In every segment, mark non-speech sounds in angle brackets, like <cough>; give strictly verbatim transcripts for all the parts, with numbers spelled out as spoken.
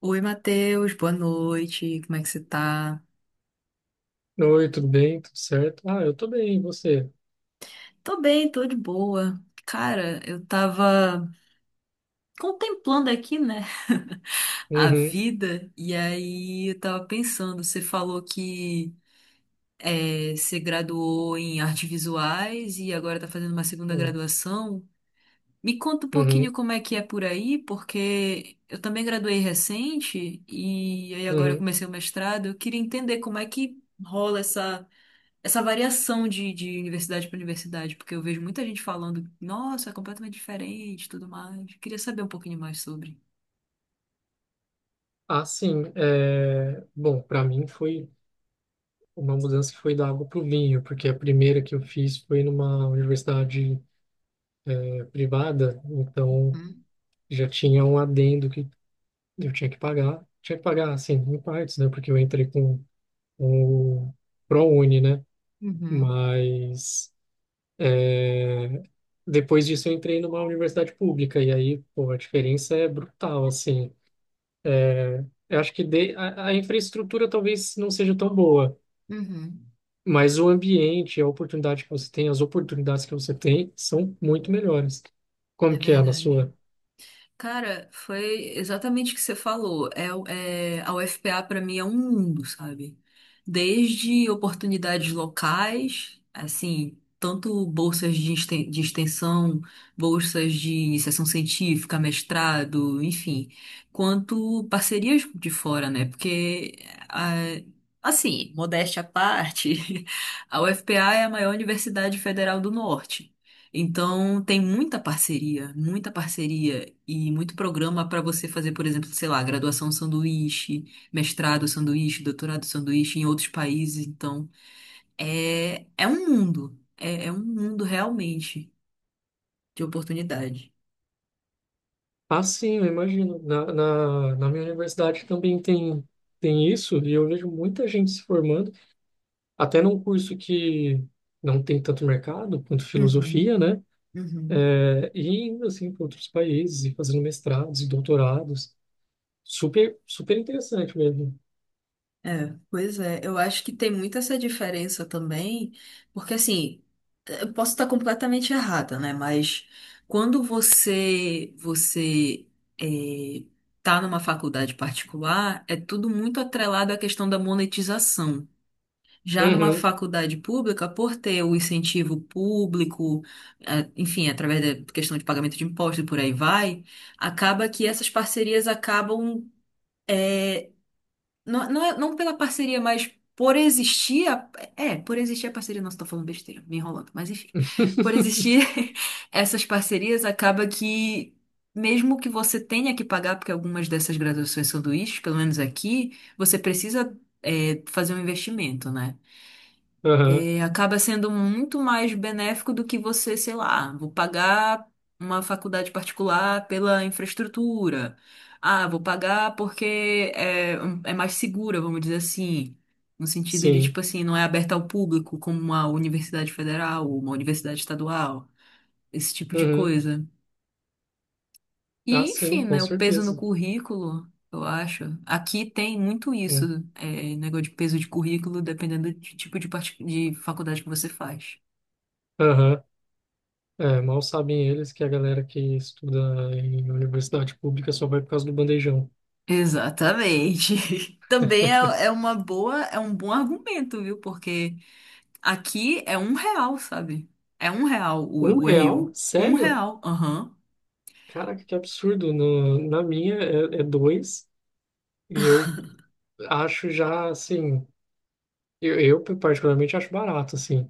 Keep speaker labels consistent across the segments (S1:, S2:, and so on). S1: Oi, Matheus, boa noite. Como é que você tá?
S2: Oi, tudo bem? Tudo certo? Ah, eu tô bem, e você?
S1: Tô bem, tô de boa. Cara, eu tava contemplando aqui, né, <laughs> a
S2: Uhum,
S1: vida, e aí eu tava pensando, você falou que é, você graduou em artes visuais e agora tá fazendo uma segunda
S2: uhum,
S1: graduação. Me conta um pouquinho
S2: uhum.
S1: como é que é por aí, porque eu também graduei recente e aí agora eu
S2: Uhum.
S1: comecei o mestrado. Eu queria entender como é que rola essa. essa variação de, de universidade para universidade, porque eu vejo muita gente falando, nossa, é completamente diferente, e tudo mais. Queria saber um pouquinho mais sobre.
S2: Ah, sim. É... Bom, para mim foi uma mudança que foi da água pro vinho, porque a primeira que eu fiz foi numa universidade eh, privada, então
S1: Uhum,
S2: já tinha um adendo que eu tinha que pagar. Tinha que pagar, assim, em partes, né? Porque eu entrei com, com o ProUni, né?
S1: uhum,
S2: Mas... eh, Depois disso eu entrei numa universidade pública e aí, pô, a diferença é brutal, assim. É, eu acho que de- a, a infraestrutura talvez não seja tão boa,
S1: uhum.
S2: mas o ambiente, a oportunidade que você tem, as oportunidades que você tem são muito melhores. Como
S1: É
S2: que é na
S1: verdade.
S2: sua?
S1: Cara, foi exatamente o que você falou. É, o- é, a U F P A para mim é um mundo, sabe? Desde oportunidades locais, assim, tanto bolsas de exten- de extensão, bolsas de iniciação científica, mestrado, enfim, quanto parcerias de fora, né? Porque, ah, assim, modéstia à parte, <laughs> a U F P A é a maior universidade federal do norte. Então, tem muita parceria, muita parceria e muito programa para você fazer, por exemplo, sei lá, graduação sanduíche, mestrado sanduíche, doutorado sanduíche em outros países. Então, é, é um mundo, é, é um mundo realmente de oportunidade.
S2: Ah, sim, eu imagino. Na, na, na minha universidade também tem, tem isso, e eu vejo muita gente se formando, até num curso que não tem tanto mercado quanto
S1: Uhum,
S2: filosofia, né?
S1: uhum.
S2: É, e indo assim para outros países, e fazendo mestrados e doutorados. Super, super interessante mesmo.
S1: É, pois é, eu acho que tem muito essa diferença também, porque assim, eu posso estar completamente errada, né? Mas quando você você é, tá numa faculdade particular, é tudo muito atrelado à questão da monetização. Já numa
S2: Uhum.
S1: faculdade pública, por ter o incentivo público, é, enfim, através da questão de pagamento de impostos e por aí vai, acaba que essas parcerias acabam eh, não, não, é- não pela parceria, mas por existir. A, é, por existir a parceria. Nossa, tô falando besteira, me enrolando. Mas enfim. Por existir
S2: <laughs>
S1: <laughs> essas parcerias, acaba que, mesmo que você tenha que pagar, porque algumas dessas graduações sanduíches, pelo menos aqui, você precisa, é, fazer um investimento, né?
S2: Aham,
S1: É, acaba sendo muito mais benéfico do que você, sei lá, vou pagar uma faculdade particular pela infraestrutura. Ah, vou pagar porque é, é mais segura, vamos dizer assim. No sentido de, tipo
S2: sim.
S1: assim, não é aberta ao público como uma universidade federal ou uma universidade estadual, esse tipo de
S2: Uhum.
S1: coisa.
S2: Ah,
S1: E, enfim,
S2: sim, com
S1: né, o peso no
S2: certeza.
S1: currículo, eu acho. Aqui tem muito isso,
S2: Né?
S1: é, negócio de peso de currículo, dependendo do tipo de, parti- de faculdade que você faz.
S2: Aham. É, mal sabem eles que a galera que estuda em universidade pública só vai por causa do bandejão.
S1: Exatamente. <laughs> Também é, é uma boa, é um bom argumento, viu? Porque aqui é um real, sabe? É um real
S2: Um
S1: o, o
S2: real?
S1: R U. Um
S2: Sério?
S1: real, aham.
S2: Caraca, que absurdo. No, na minha é, é dois. E eu acho já, assim. Eu, eu particularmente acho barato, assim.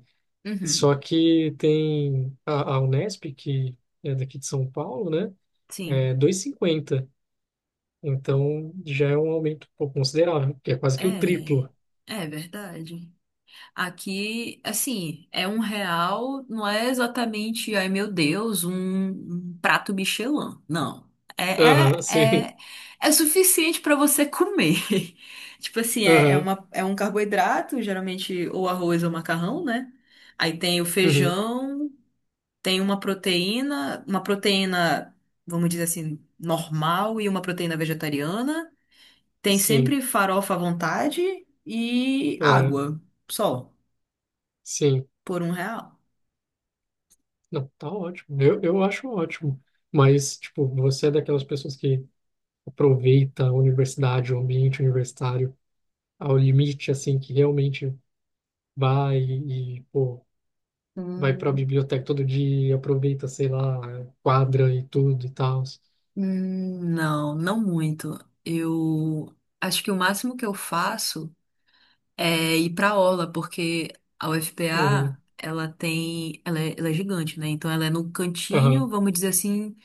S2: Só
S1: Uhum.
S2: que tem a, a Unesp, que é daqui de São Paulo, né?
S1: Sim.
S2: É dois e cinquenta. Então já é um aumento um pouco considerável, que é quase que o
S1: É,
S2: triplo.
S1: é verdade. Aqui, assim, é um real, não é exatamente, ai meu Deus, um, um prato Michelin. Não. É,
S2: Aham,
S1: é,
S2: sim.
S1: é, é suficiente para você comer. <laughs> Tipo assim, é, é,
S2: Aham,
S1: uma, é um carboidrato, geralmente ou arroz ou macarrão, né? Aí tem o
S2: uhum,
S1: feijão, tem uma proteína, uma proteína, vamos dizer assim, normal e uma proteína vegetariana. Tem
S2: sim.
S1: sempre farofa à vontade e
S2: Aham,
S1: água, só.
S2: sim.
S1: Por um real?
S2: Não, tá ótimo. Eu, eu acho ótimo. Mas, tipo, você é daquelas pessoas que aproveita a universidade, o ambiente universitário ao limite, assim, que realmente vai e, pô, vai pra
S1: Hum,
S2: biblioteca todo dia, aproveita, sei lá, quadra e tudo e tal.
S1: hum, não, não muito. Eu acho que o máximo que eu faço é ir pra aula, porque a
S2: Uhum,
S1: U F P A, ela tem, ela é, ela é gigante, né? Então ela é no cantinho,
S2: aham,
S1: vamos dizer assim,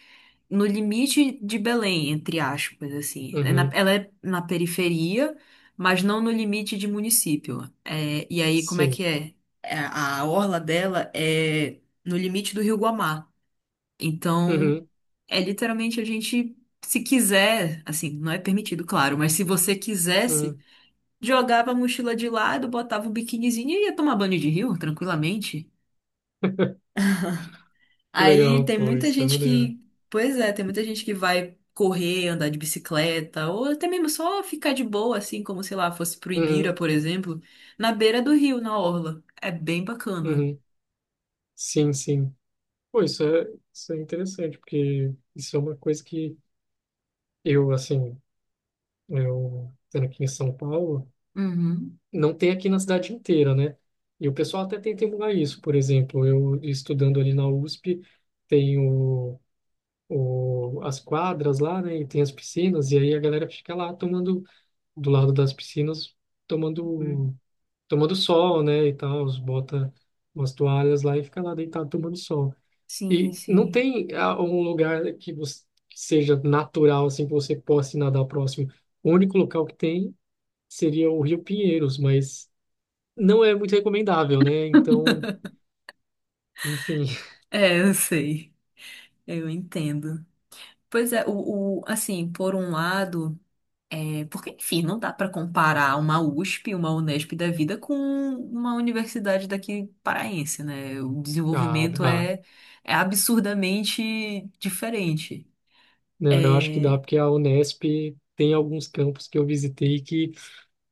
S1: no limite de Belém, entre aspas, assim. É na-
S2: uhum,
S1: ela é na periferia, mas não no limite de município. É, e aí, como é que
S2: sim.
S1: é? É, a orla dela é no limite do Rio Guamá. Então,
S2: Uhum,
S1: é literalmente a gente, se quiser, assim, não é permitido, claro, mas se você quisesse,
S2: uhum.
S1: jogava a mochila de lado, botava o biquinizinho e ia tomar banho de rio, tranquilamente.
S2: Que
S1: Aí
S2: legal,
S1: tem
S2: pô,
S1: muita
S2: isso é
S1: gente
S2: maneiro.
S1: que, pois é, tem muita gente que vai correr, andar de bicicleta, ou até mesmo só ficar de boa, assim, como sei lá, fosse pro Ibira,
S2: Uhum,
S1: por exemplo, na beira do rio, na orla. É bem bacana.
S2: uhum. Sim, sim. Pô, isso é, isso é interessante, porque isso é uma coisa que eu, assim, eu estando aqui em São Paulo,
S1: Uhum.
S2: não tem aqui na cidade inteira, né? E o pessoal até tenta emular isso, por exemplo, eu estudando ali na U S P, tem o, o, as quadras lá, né, e tem as piscinas, e aí a galera fica lá tomando, do lado das piscinas,
S1: Uhum.
S2: tomando tomando sol, né, e tal, os bota umas toalhas lá e fica lá deitado tomando sol.
S1: Sim,
S2: E não
S1: sim.
S2: tem ah, um lugar que você que seja natural assim que você possa ir nadar próximo. O único local que tem seria o Rio Pinheiros, mas não é muito recomendável, né? Então, enfim, <laughs>
S1: É, eu sei. Eu entendo. Pois é, o, o- assim, por um lado, é, porque, enfim, não dá para comparar uma U S P, uma Unesp da vida com uma universidade daqui paraense, né? O
S2: ah,
S1: desenvolvimento
S2: dá.
S1: é, é absurdamente diferente.
S2: Não, eu acho que dá
S1: É,
S2: porque a Unesp tem alguns campos que eu visitei que,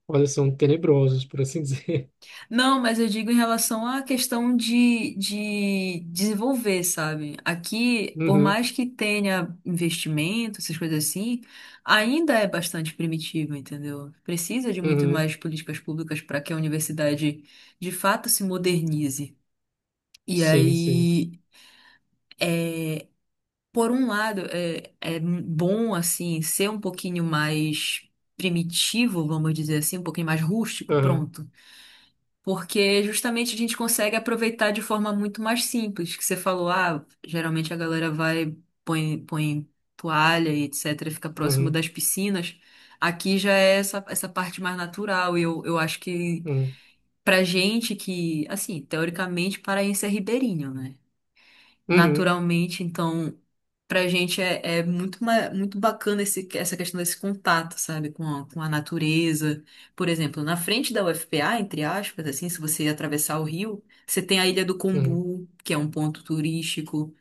S2: olha, são tenebrosos, por assim dizer. <laughs>
S1: não, mas eu digo em relação à questão de, de desenvolver, sabe? Aqui, por
S2: Uhum,
S1: mais que tenha investimento, essas coisas assim, ainda é bastante primitivo, entendeu? Precisa de muito
S2: uhum,
S1: mais políticas públicas para que a universidade de fato se modernize. E
S2: sim, sim.
S1: aí, por um lado, é, é bom, assim, ser um pouquinho mais primitivo, vamos dizer assim, um pouquinho mais rústico,
S2: Aham,
S1: pronto. Porque justamente a gente consegue aproveitar de forma muito mais simples, que você falou, ah, geralmente a galera vai, põe, põe toalha e etc, fica próximo
S2: uhum,
S1: das piscinas. Aqui já é essa, essa parte mais natural, e eu, eu acho que
S2: uhum,
S1: pra gente que, assim, teoricamente paraense é ribeirinho, né?
S2: uhum.
S1: Naturalmente. Então, pra gente é, é muito, ma- muito bacana esse, essa questão desse contato, sabe, com a, com a natureza. Por exemplo, na frente da U F P A, entre aspas, assim, se você atravessar o rio, você tem a Ilha do
S2: Uhum.
S1: Combu, que é um ponto turístico.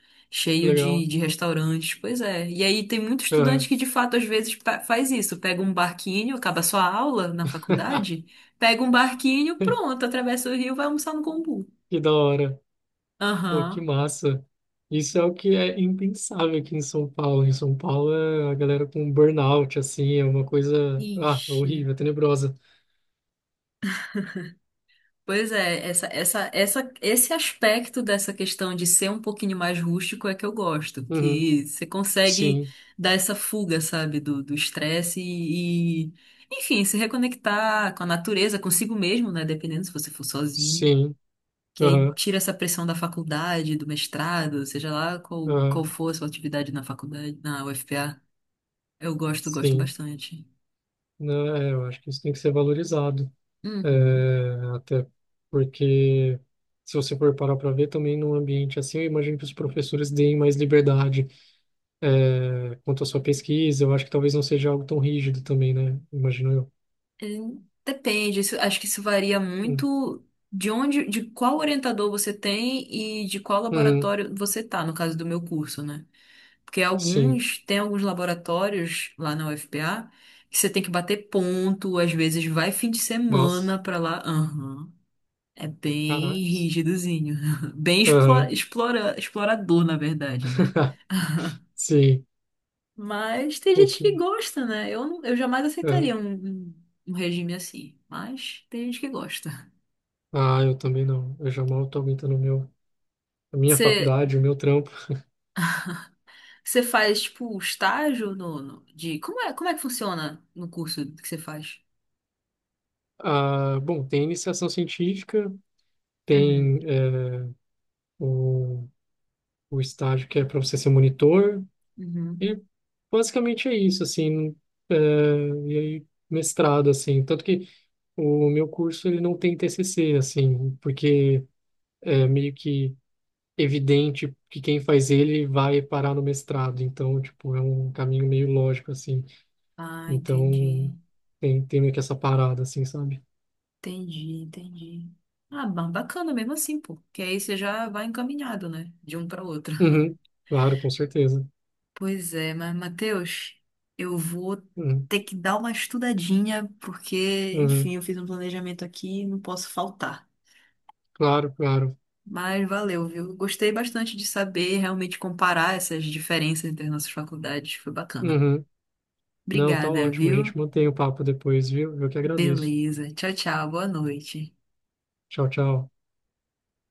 S2: Que
S1: Cheio de,
S2: legal.
S1: de restaurantes, pois é. E aí tem muito estudante
S2: Aham.
S1: que de fato às vezes pa- faz isso, pega um barquinho, acaba sua aula na
S2: <laughs>
S1: faculdade, pega um barquinho, pronto, atravessa o rio, vai almoçar no Combu.
S2: Que da hora. Pô, que
S1: Aham.
S2: massa. Isso é o que é impensável aqui em São Paulo. Em São Paulo, é a galera com burnout, assim, é uma coisa, ah, é
S1: Ixi.
S2: horrível, é tenebrosa.
S1: Pois é, essa, essa, essa, esse aspecto dessa questão de ser um pouquinho mais rústico é que eu gosto,
S2: Uhum.
S1: que você consegue
S2: Sim,
S1: dar essa fuga, sabe, do do estresse e, e, enfim, se reconectar com a natureza, consigo mesmo, né, dependendo se você for sozinho,
S2: sim,
S1: que aí
S2: aham,
S1: tira essa pressão da faculdade, do mestrado, seja lá qual, qual
S2: aham,
S1: for a sua atividade na faculdade, na U F P A. Eu gosto, gosto
S2: sim.
S1: bastante.
S2: Não, é, eu acho que isso tem que ser valorizado.
S1: Uhum.
S2: É, até porque, Se você for parar para ver, também num ambiente assim, eu imagino que os professores deem mais liberdade é, quanto à sua pesquisa, eu acho que talvez não seja algo tão rígido também, né? Imagino eu.
S1: Hum, depende, isso- acho que isso varia
S2: Hum.
S1: muito de onde, de qual orientador você tem e de qual
S2: Uhum.
S1: laboratório você tá, no caso do meu curso, né? Porque
S2: Sim.
S1: alguns, tem alguns laboratórios lá na U F P A que você tem que bater ponto, às vezes vai fim de
S2: Nossa,
S1: semana pra lá. Aham. É bem
S2: caracas.
S1: rígidozinho, <laughs> bem
S2: Aham.
S1: explora, explora- explorador, na verdade, né?
S2: <laughs> Sim.
S1: Mas tem
S2: O
S1: gente que
S2: que...
S1: gosta, né? Eu, não- eu jamais
S2: é.
S1: aceitaria um, um um regime assim, mas tem gente que gosta.
S2: Ah, eu também não. Eu já mal estou aguentando o meu, a minha
S1: Você
S2: faculdade, o meu trampo.
S1: você faz tipo estágio no, no- de como é, como é que funciona no curso que você faz?
S2: Ah, bom, tem iniciação científica, tem
S1: Uhum,
S2: é, o, o estágio que é para você ser monitor,
S1: uhum.
S2: e basicamente é isso, assim. É, e aí, mestrado, assim. Tanto que o meu curso ele não tem T C C, assim, porque é meio que evidente que quem faz ele vai parar no mestrado. Então, tipo, é um caminho meio lógico, assim.
S1: Ah, entendi.
S2: Então, tem, tem meio que essa parada, assim, sabe?
S1: Entendi, entendi. Ah, ba- bacana mesmo assim, pô. Que aí você já vai encaminhado, né? De um para outro. <laughs>
S2: Uhum, claro, com certeza.
S1: Pois é, mas Matheus, eu vou
S2: Uhum,
S1: ter que dar uma estudadinha, porque,
S2: uhum,
S1: enfim, eu fiz um planejamento aqui e não posso faltar.
S2: claro, claro.
S1: Mas valeu, viu? Gostei bastante de saber, realmente comparar essas diferenças entre as nossas faculdades. Foi bacana.
S2: Uhum. Não, tá
S1: Obrigada,
S2: ótimo. A gente
S1: viu?
S2: mantém o papo depois, viu? Eu que agradeço.
S1: Beleza. Tchau, tchau. Boa noite.
S2: Tchau, tchau.